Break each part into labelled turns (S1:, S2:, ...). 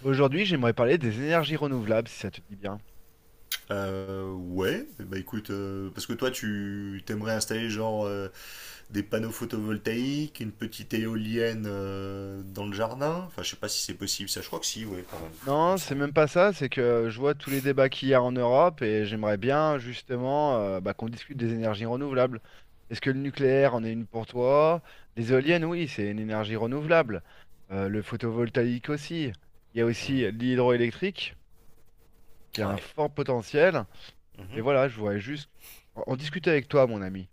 S1: Aujourd'hui, j'aimerais parler des énergies renouvelables, si ça te dit bien.
S2: Ouais, bah écoute, parce que toi tu t'aimerais installer genre des panneaux photovoltaïques, une petite éolienne dans le jardin. Enfin, je sais pas si c'est possible, ça je crois que si, ouais, quand même, il me
S1: Non, c'est
S2: semble.
S1: même pas ça, c'est que je vois tous les débats qu'il y a en Europe et j'aimerais bien justement bah, qu'on discute des énergies renouvelables. Est-ce que le nucléaire en est une pour toi? Les éoliennes, oui, c'est une énergie renouvelable. Le photovoltaïque aussi. Il y a
S2: Mm.
S1: aussi l'hydroélectrique qui a un
S2: Ouais.
S1: fort potentiel. Et
S2: Mhm.
S1: voilà, je voudrais juste en discuter avec toi, mon ami.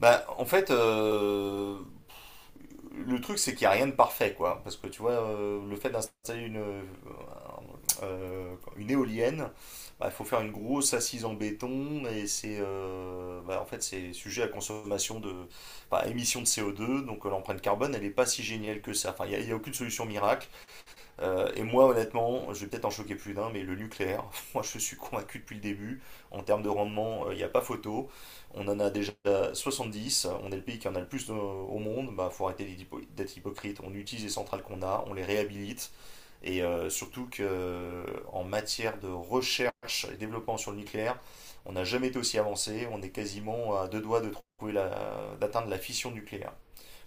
S2: Bah en fait, le truc, c'est qu'il n'y a rien de parfait, quoi. Parce que tu vois, le fait d'installer une éolienne, bah, faut faire une grosse assise en béton. Et c'est bah, en fait c'est sujet à consommation de émission de CO2. Donc l'empreinte carbone elle n'est pas si géniale que ça. Enfin, y a aucune solution miracle. Et moi, honnêtement, je vais peut-être en choquer plus d'un, mais le nucléaire, moi je suis convaincu depuis le début. En termes de rendement, il n'y a pas photo. On en a déjà 70. On est le pays qui en a le plus au monde. Bah, faut arrêter d'être hypocrite. On utilise les centrales qu'on a, on les réhabilite. Et surtout que en matière de recherche et développement sur le nucléaire, on n'a jamais été aussi avancé. On est quasiment à deux doigts de d'atteindre la fission nucléaire.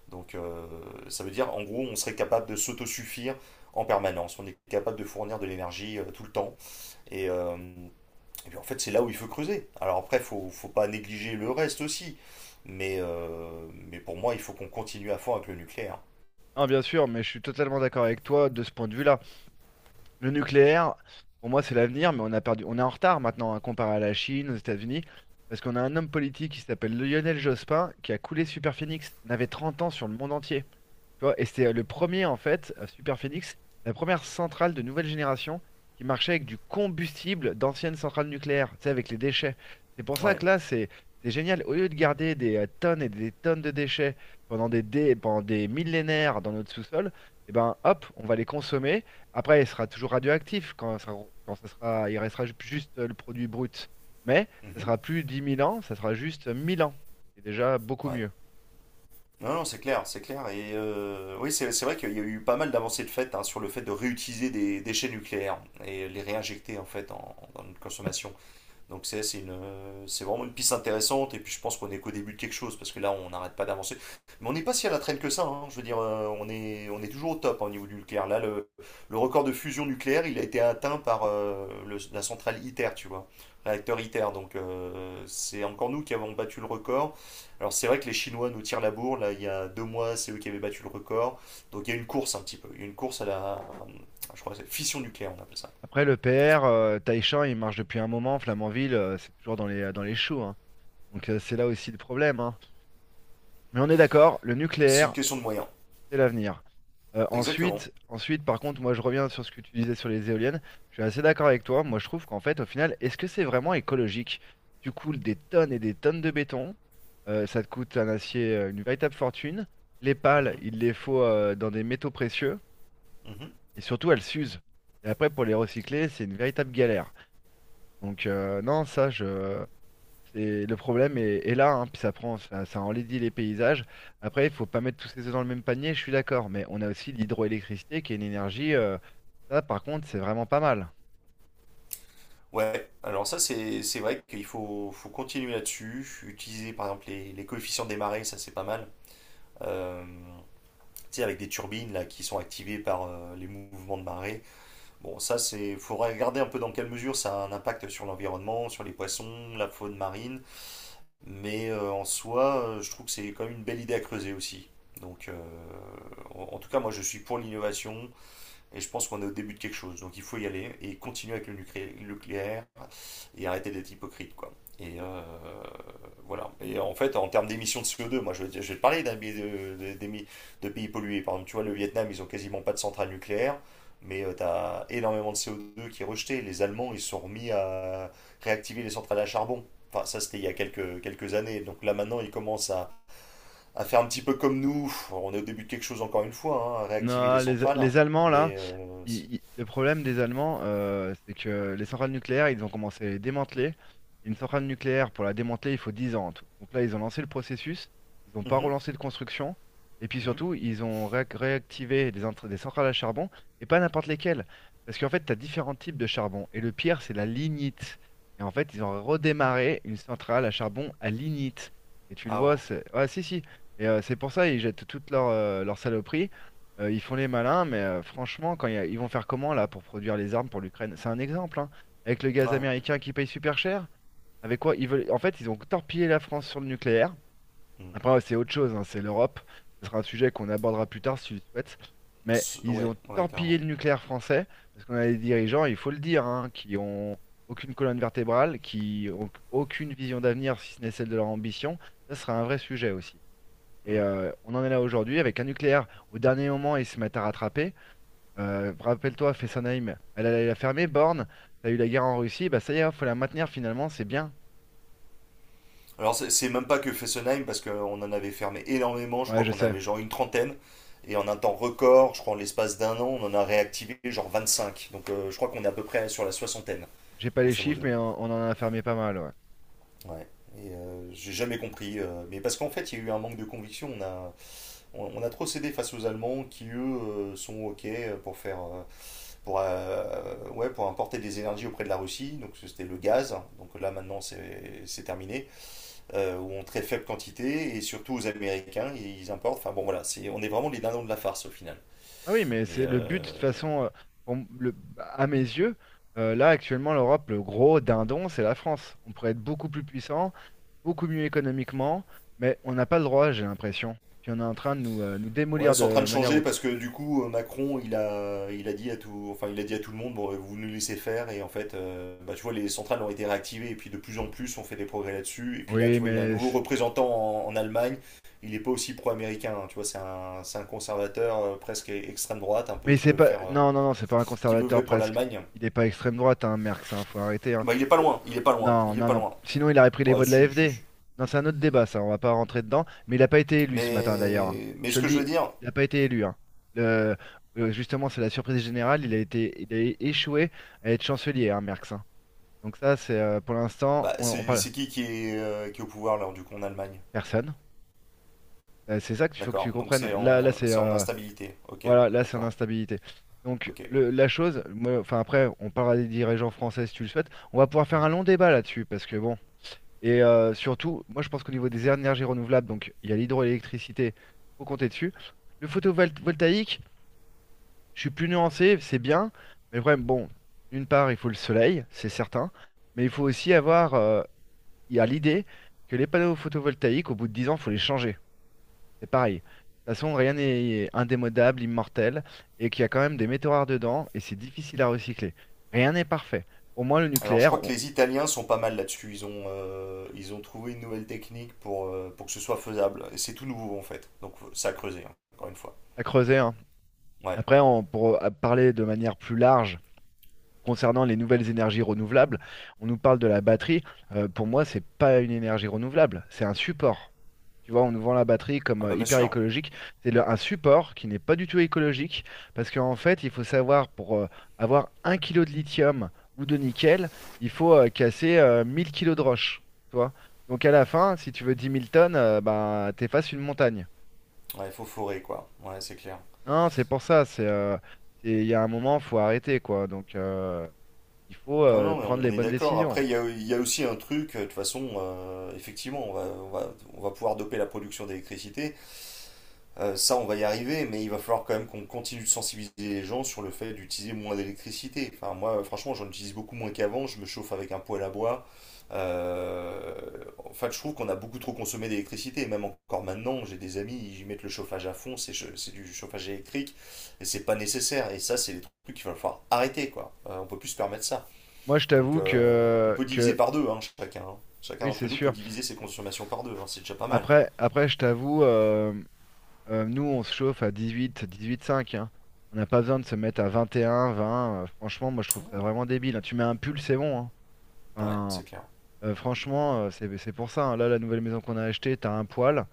S2: Donc ça veut dire en gros on serait capable de s'autosuffire en permanence, on est capable de fournir de l'énergie tout le temps. Et, euh, et puis en fait c'est là où il faut creuser. Alors après faut pas négliger le reste aussi, mais pour moi il faut qu'on continue à fond avec le nucléaire.
S1: Non, bien sûr, mais je suis totalement d'accord avec toi de ce point de vue-là. Le nucléaire, pour moi, c'est l'avenir, mais on a perdu, on est en retard maintenant, hein, comparé à la Chine, aux États-Unis, parce qu'on a un homme politique qui s'appelle Lionel Jospin, qui a coulé Superphénix. On avait 30 ans sur le monde entier. Tu vois, et c'était le premier, en fait, Super Phoenix, la première centrale de nouvelle génération qui marchait avec du combustible d'anciennes centrales nucléaires, tu sais, avec les déchets. C'est pour ça
S2: Ouais.
S1: que là, c'est génial. Au lieu de garder des tonnes et des tonnes de déchets pendant pendant des millénaires dans notre sous-sol, et ben, hop, on va les consommer. Après, il sera toujours radioactif quand ça sera, il restera juste le produit brut. Mais ça
S2: Mhm.
S1: sera plus 10 000 ans, ça sera juste 1000 ans. C'est déjà beaucoup
S2: Ouais.
S1: mieux.
S2: Non, non, c'est clair, c'est clair. Et, oui, c'est vrai qu'il y a eu pas mal d'avancées de fait, hein, sur le fait de réutiliser des déchets nucléaires et les réinjecter en fait dans notre consommation. Donc c'est vraiment une piste intéressante et puis je pense qu'on est qu'au début de quelque chose parce que là on n'arrête pas d'avancer. Mais on n'est pas si à la traîne que ça, hein. Je veux dire, on est toujours au top, hein, au niveau du nucléaire. Là, le record de fusion nucléaire il a été atteint par la centrale ITER, tu vois, réacteur ITER. Donc c'est encore nous qui avons battu le record. Alors c'est vrai que les Chinois nous tirent la bourre, là il y a 2 mois c'est eux qui avaient battu le record. Donc il y a une course un petit peu, il y a une course à la, je crois que c'est fission nucléaire on appelle ça.
S1: Après, le PR, Taichan, il marche depuis un moment. Flamanville, c'est toujours dans dans les choux, hein. Donc, c'est là aussi le problème, hein. Mais on est d'accord, le
S2: C'est une
S1: nucléaire,
S2: question de moyens.
S1: c'est l'avenir. Euh,
S2: Exactement.
S1: ensuite, ensuite, par contre, moi, je reviens sur ce que tu disais sur les éoliennes. Je suis assez d'accord avec toi. Moi, je trouve qu'en fait, au final, est-ce que c'est vraiment écologique? Tu coules des tonnes et des tonnes de béton. Ça te coûte un acier, une véritable fortune. Les pales,
S2: Mhm.
S1: il les faut dans des métaux précieux.
S2: Mhm.
S1: Et surtout, elles s'usent. Et après, pour les recycler, c'est une véritable galère. Donc non, ça, je... c'est le problème est là, hein, puis ça prend, ça enlaidit les paysages. Après, il faut pas mettre tous ces œufs dans le même panier, je suis d'accord, mais on a aussi l'hydroélectricité qui est une énergie, ça par contre, c'est vraiment pas mal.
S2: Ouais, alors ça c'est vrai qu'faut continuer là-dessus, utiliser par exemple les coefficients des marées, ça c'est pas mal. Euh, tu sais, avec des turbines là qui sont activées par les mouvements de marée. Bon, ça c'est faut regarder un peu dans quelle mesure ça a un impact sur l'environnement, sur les poissons, la faune marine, mais en soi, je trouve que c'est quand même une belle idée à creuser aussi. Donc en tout cas, moi je suis pour l'innovation, et je pense qu'on est au début de quelque chose. Donc il faut y aller et continuer avec le nucléaire et arrêter d'être hypocrite, quoi. Et euh, voilà. Et en fait, en termes d'émissions de CO2, moi te parler d'un pays de pays pollués. Par exemple, tu vois, le Vietnam, ils ont quasiment pas de centrale nucléaire, mais tu as énormément de CO2 qui est rejeté. Les Allemands, ils sont remis à réactiver les centrales à charbon. Enfin, ça, c'était il y a quelques années. Donc là, maintenant, ils commencent à faire un petit peu comme nous. On est au début de quelque chose encore une fois, hein, à réactiver les
S1: Non,
S2: centrales.
S1: les Allemands, là,
S2: Mais euh, c'est-
S1: le problème des Allemands, c'est que les centrales nucléaires, ils ont commencé à les démanteler. Une centrale nucléaire, pour la démanteler, il faut 10 ans en tout. Donc là, ils ont lancé le processus, ils n'ont pas
S2: Mhm,
S1: relancé de construction, et puis
S2: mhm.
S1: surtout, ils ont réactivé des centrales à charbon, et pas n'importe lesquelles. Parce qu'en fait, tu as différents types de charbon, et le pire, c'est la lignite. Et en fait, ils ont redémarré une centrale à charbon à lignite. Et tu le
S2: Ah
S1: vois,
S2: ouais.
S1: c'est... Ouais, si, si. Et c'est pour ça, ils jettent toutes leur saloperies. Ils font les malins, mais franchement, quand ils vont faire comment là pour produire les armes pour l'Ukraine? C'est un exemple, hein. Avec le gaz
S2: Ouais.
S1: américain qui paye super cher. Avec quoi ils veulent... En fait, ils ont torpillé la France sur le nucléaire.
S2: Mm.
S1: Après, ouais, c'est autre chose, hein, c'est l'Europe. Ce sera un sujet qu'on abordera plus tard si tu le souhaites. Mais ils
S2: Ouais,
S1: ont
S2: ouais,
S1: torpillé
S2: carrément.
S1: le nucléaire français parce qu'on a des dirigeants, il faut le dire, hein, qui ont aucune colonne vertébrale, qui ont aucune vision d'avenir si ce n'est celle de leur ambition. Ça sera un vrai sujet aussi. Et
S2: Mm.
S1: euh, on en est là aujourd'hui avec un nucléaire. Au dernier moment, ils se mettent à rattraper. Rappelle-toi, Fessenheim, elle a fermé Borne, t'as eu la guerre en Russie, bah ça y est, faut la maintenir finalement, c'est bien.
S2: Alors c'est même pas que Fessenheim parce qu'on en avait fermé énormément. Je
S1: Ouais,
S2: crois
S1: je
S2: qu'on
S1: sais,
S2: avait genre une trentaine. Et en un temps record, je crois en l'espace d'un an, on en a réactivé genre 25. Donc je crois qu'on est à peu près sur la soixantaine,
S1: j'ai pas les
S2: grosso
S1: chiffres,
S2: modo.
S1: mais on en a fermé pas mal, ouais.
S2: Ouais. Et j'ai jamais compris. Mais parce qu'en fait, il y a eu un manque de conviction. On a trop cédé face aux Allemands qui eux sont ok pour faire pour ouais pour importer des énergies auprès de la Russie. Donc c'était le gaz. Donc là, maintenant, c'est terminé. Ou en très faible quantité. Et surtout aux Américains, importent, enfin bon, voilà, c'est on est vraiment les dindons de la farce au final.
S1: Ah oui, mais
S2: mais
S1: c'est le
S2: euh,
S1: but, de toute façon, pour à mes yeux, là actuellement, l'Europe, le gros dindon, c'est la France. On pourrait être beaucoup plus puissant, beaucoup mieux économiquement, mais on n'a pas le droit, j'ai l'impression. Puis on est en train de nous, nous
S2: Ouais,
S1: démolir
S2: c'est en train de
S1: de manière
S2: changer
S1: haute.
S2: parce que du coup, Macron, il a dit à tout, enfin, il a dit à tout le monde, bon, bah, vous nous laissez faire. Et en fait, bah, tu vois, les centrales ont été réactivées et puis de plus en plus, on fait des progrès là-dessus. Et puis là,
S1: Oui,
S2: tu vois, il y a un
S1: mais
S2: nouveau représentant en Allemagne. Il n'est pas aussi pro-américain, hein, tu vois, c'est un conservateur, presque extrême droite, un peu
S1: mais c'est pas. Non, non, non, c'est pas un
S2: qui veut
S1: conservateur
S2: vrai pour
S1: presque.
S2: l'Allemagne.
S1: Il n'est pas extrême droite, hein, Merckx, hein, faut arrêter, hein.
S2: Bah, il est pas loin, il est pas loin,
S1: Non,
S2: il est
S1: non,
S2: pas
S1: non.
S2: loin.
S1: Sinon, il aurait pris les
S2: Ouais,
S1: voix de
S2: si, si,
S1: l'AFD.
S2: si.
S1: Non, c'est un autre débat, ça, on va pas rentrer dedans. Mais il n'a pas été élu ce matin, d'ailleurs, hein.
S2: Mais
S1: Je te
S2: ce
S1: le
S2: que je veux
S1: dis,
S2: dire,
S1: il n'a pas été élu, hein. Le- Justement, c'est la surprise générale. Il a été... il a échoué à être chancelier, hein, Merckx, hein. Donc, ça, c'est pour l'instant,
S2: bah,
S1: on
S2: c'est
S1: parle.
S2: c'est qui qui est au pouvoir là, du coup, en Allemagne?
S1: Personne. C'est ça qu'il faut que tu
S2: D'accord, donc
S1: comprennes.
S2: c'est
S1: Là,
S2: en,
S1: là c'est.
S2: c'est en instabilité. Ok,
S1: Voilà, là, c'est une
S2: d'accord.
S1: instabilité. Donc,
S2: Ok.
S1: la chose, moi, enfin, après, on parlera des dirigeants français si tu le souhaites. On va pouvoir faire
S2: Hmm.
S1: un long débat là-dessus, parce que bon. Et surtout, moi, je pense qu'au niveau des énergies renouvelables, donc il y a l'hydroélectricité, faut compter dessus. Le photovoltaïque, je suis plus nuancé, c'est bien. Mais le problème, bon, d'une part, il faut le soleil, c'est certain. Mais il faut aussi avoir, il y a l'idée que les panneaux photovoltaïques, au bout de 10 ans, il faut les changer. C'est pareil. De toute façon, rien n'est indémodable, immortel, et qu'il y a quand même des métaux rares dedans, et c'est difficile à recycler. Rien n'est parfait. Au moins, le
S2: Alors je crois
S1: nucléaire,
S2: que
S1: on
S2: les Italiens sont pas mal là-dessus. Ils ont trouvé une nouvelle technique pour que ce soit faisable. Et c'est tout nouveau en fait. Donc ça a creusé, hein, encore une fois.
S1: a creusé, hein.
S2: Ouais.
S1: Après, pour parler de manière plus large concernant les nouvelles énergies renouvelables, on nous parle de la batterie. Pour moi, c'est pas une énergie renouvelable, c'est un support. Tu vois, on nous vend la batterie comme
S2: Ah bah bien
S1: hyper
S2: sûr.
S1: écologique. Un support qui n'est pas du tout écologique parce qu'en fait, il faut savoir pour avoir un kilo de lithium ou de nickel, il faut casser 1000 kilos de roche. Tu vois? Donc à la fin, si tu veux 10 000 tonnes, bah, t'effaces une montagne.
S2: Ouais, faut forer quoi. Ouais, c'est clair.
S1: Non, c'est pour ça. Il y a un moment, faut arrêter quoi. Donc il faut
S2: Non, non, mais
S1: prendre
S2: on
S1: les
S2: est
S1: bonnes
S2: d'accord.
S1: décisions.
S2: Après, il y a aussi un truc, de toute façon, effectivement, on va pouvoir doper la production d'électricité. Ça, on va y arriver, mais il va falloir quand même qu'on continue de sensibiliser les gens sur le fait d'utiliser moins d'électricité. Enfin, moi, franchement, j'en utilise beaucoup moins qu'avant. Je me chauffe avec un poêle à bois. Euh, en fait, je trouve qu'on a beaucoup trop consommé d'électricité. Et même encore maintenant, j'ai des amis, ils mettent le chauffage à fond. C'est du chauffage électrique et c'est pas nécessaire. Et ça, c'est des trucs qu'il va falloir arrêter, quoi. On peut plus se permettre ça.
S1: Moi, je
S2: Donc,
S1: t'avoue
S2: on peut diviser
S1: que
S2: par deux, hein, chacun, hein. Chacun
S1: oui, c'est
S2: d'entre nous peut
S1: sûr.
S2: diviser ses consommations par deux, hein. C'est déjà pas mal.
S1: Après, je t'avoue. Nous, on se chauffe à 18, 18,5, hein. On n'a pas besoin de se mettre à 21, 20. Franchement, moi, je trouve ça vraiment débile, hein. Tu mets un pull, c'est bon, hein.
S2: Ouais, c'est
S1: Enfin,
S2: clair.
S1: franchement, c'est pour ça, hein. Là, la nouvelle maison qu'on a achetée, t'as un poil.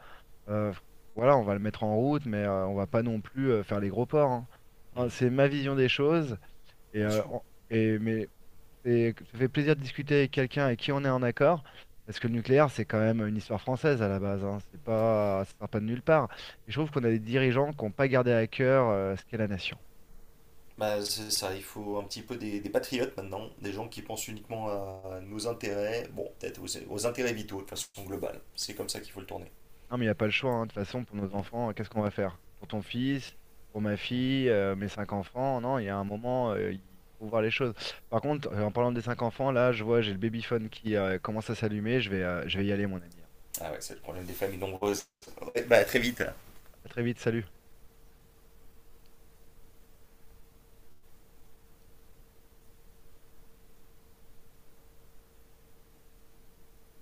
S1: Euh, voilà, on va le mettre en route, mais on va pas non plus faire les gros ports, hein. Hein,
S2: Mm,
S1: c'est ma vision des choses. Et,
S2: bien
S1: euh,
S2: sûr.
S1: en- et- mais Ça fait plaisir de discuter avec quelqu'un avec qui on est en accord, parce que le nucléaire, c'est quand même une histoire française à la base, hein. C'est pas, ça sort pas de nulle part. Et je trouve qu'on a des dirigeants qui n'ont pas gardé à cœur ce qu'est la nation.
S2: Bah, c'est ça, il faut un petit peu des patriotes maintenant, des gens qui pensent uniquement à nos intérêts, bon, peut-être aux intérêts vitaux de façon globale. C'est comme ça qu'il faut le tourner.
S1: Non, mais il n'y a pas le choix, hein. De toute façon, pour nos enfants, qu'est-ce qu'on va faire? Pour ton fils, pour ma fille, mes cinq enfants, non, il y a un moment, il faut voir les choses. Par contre, en parlant des cinq enfants, là, je vois, j'ai le babyphone qui commence à s'allumer, je vais y aller, mon ami, hein.
S2: Ah ouais, c'est le problème des familles nombreuses. Ouais, bah, très vite.
S1: À très vite, salut.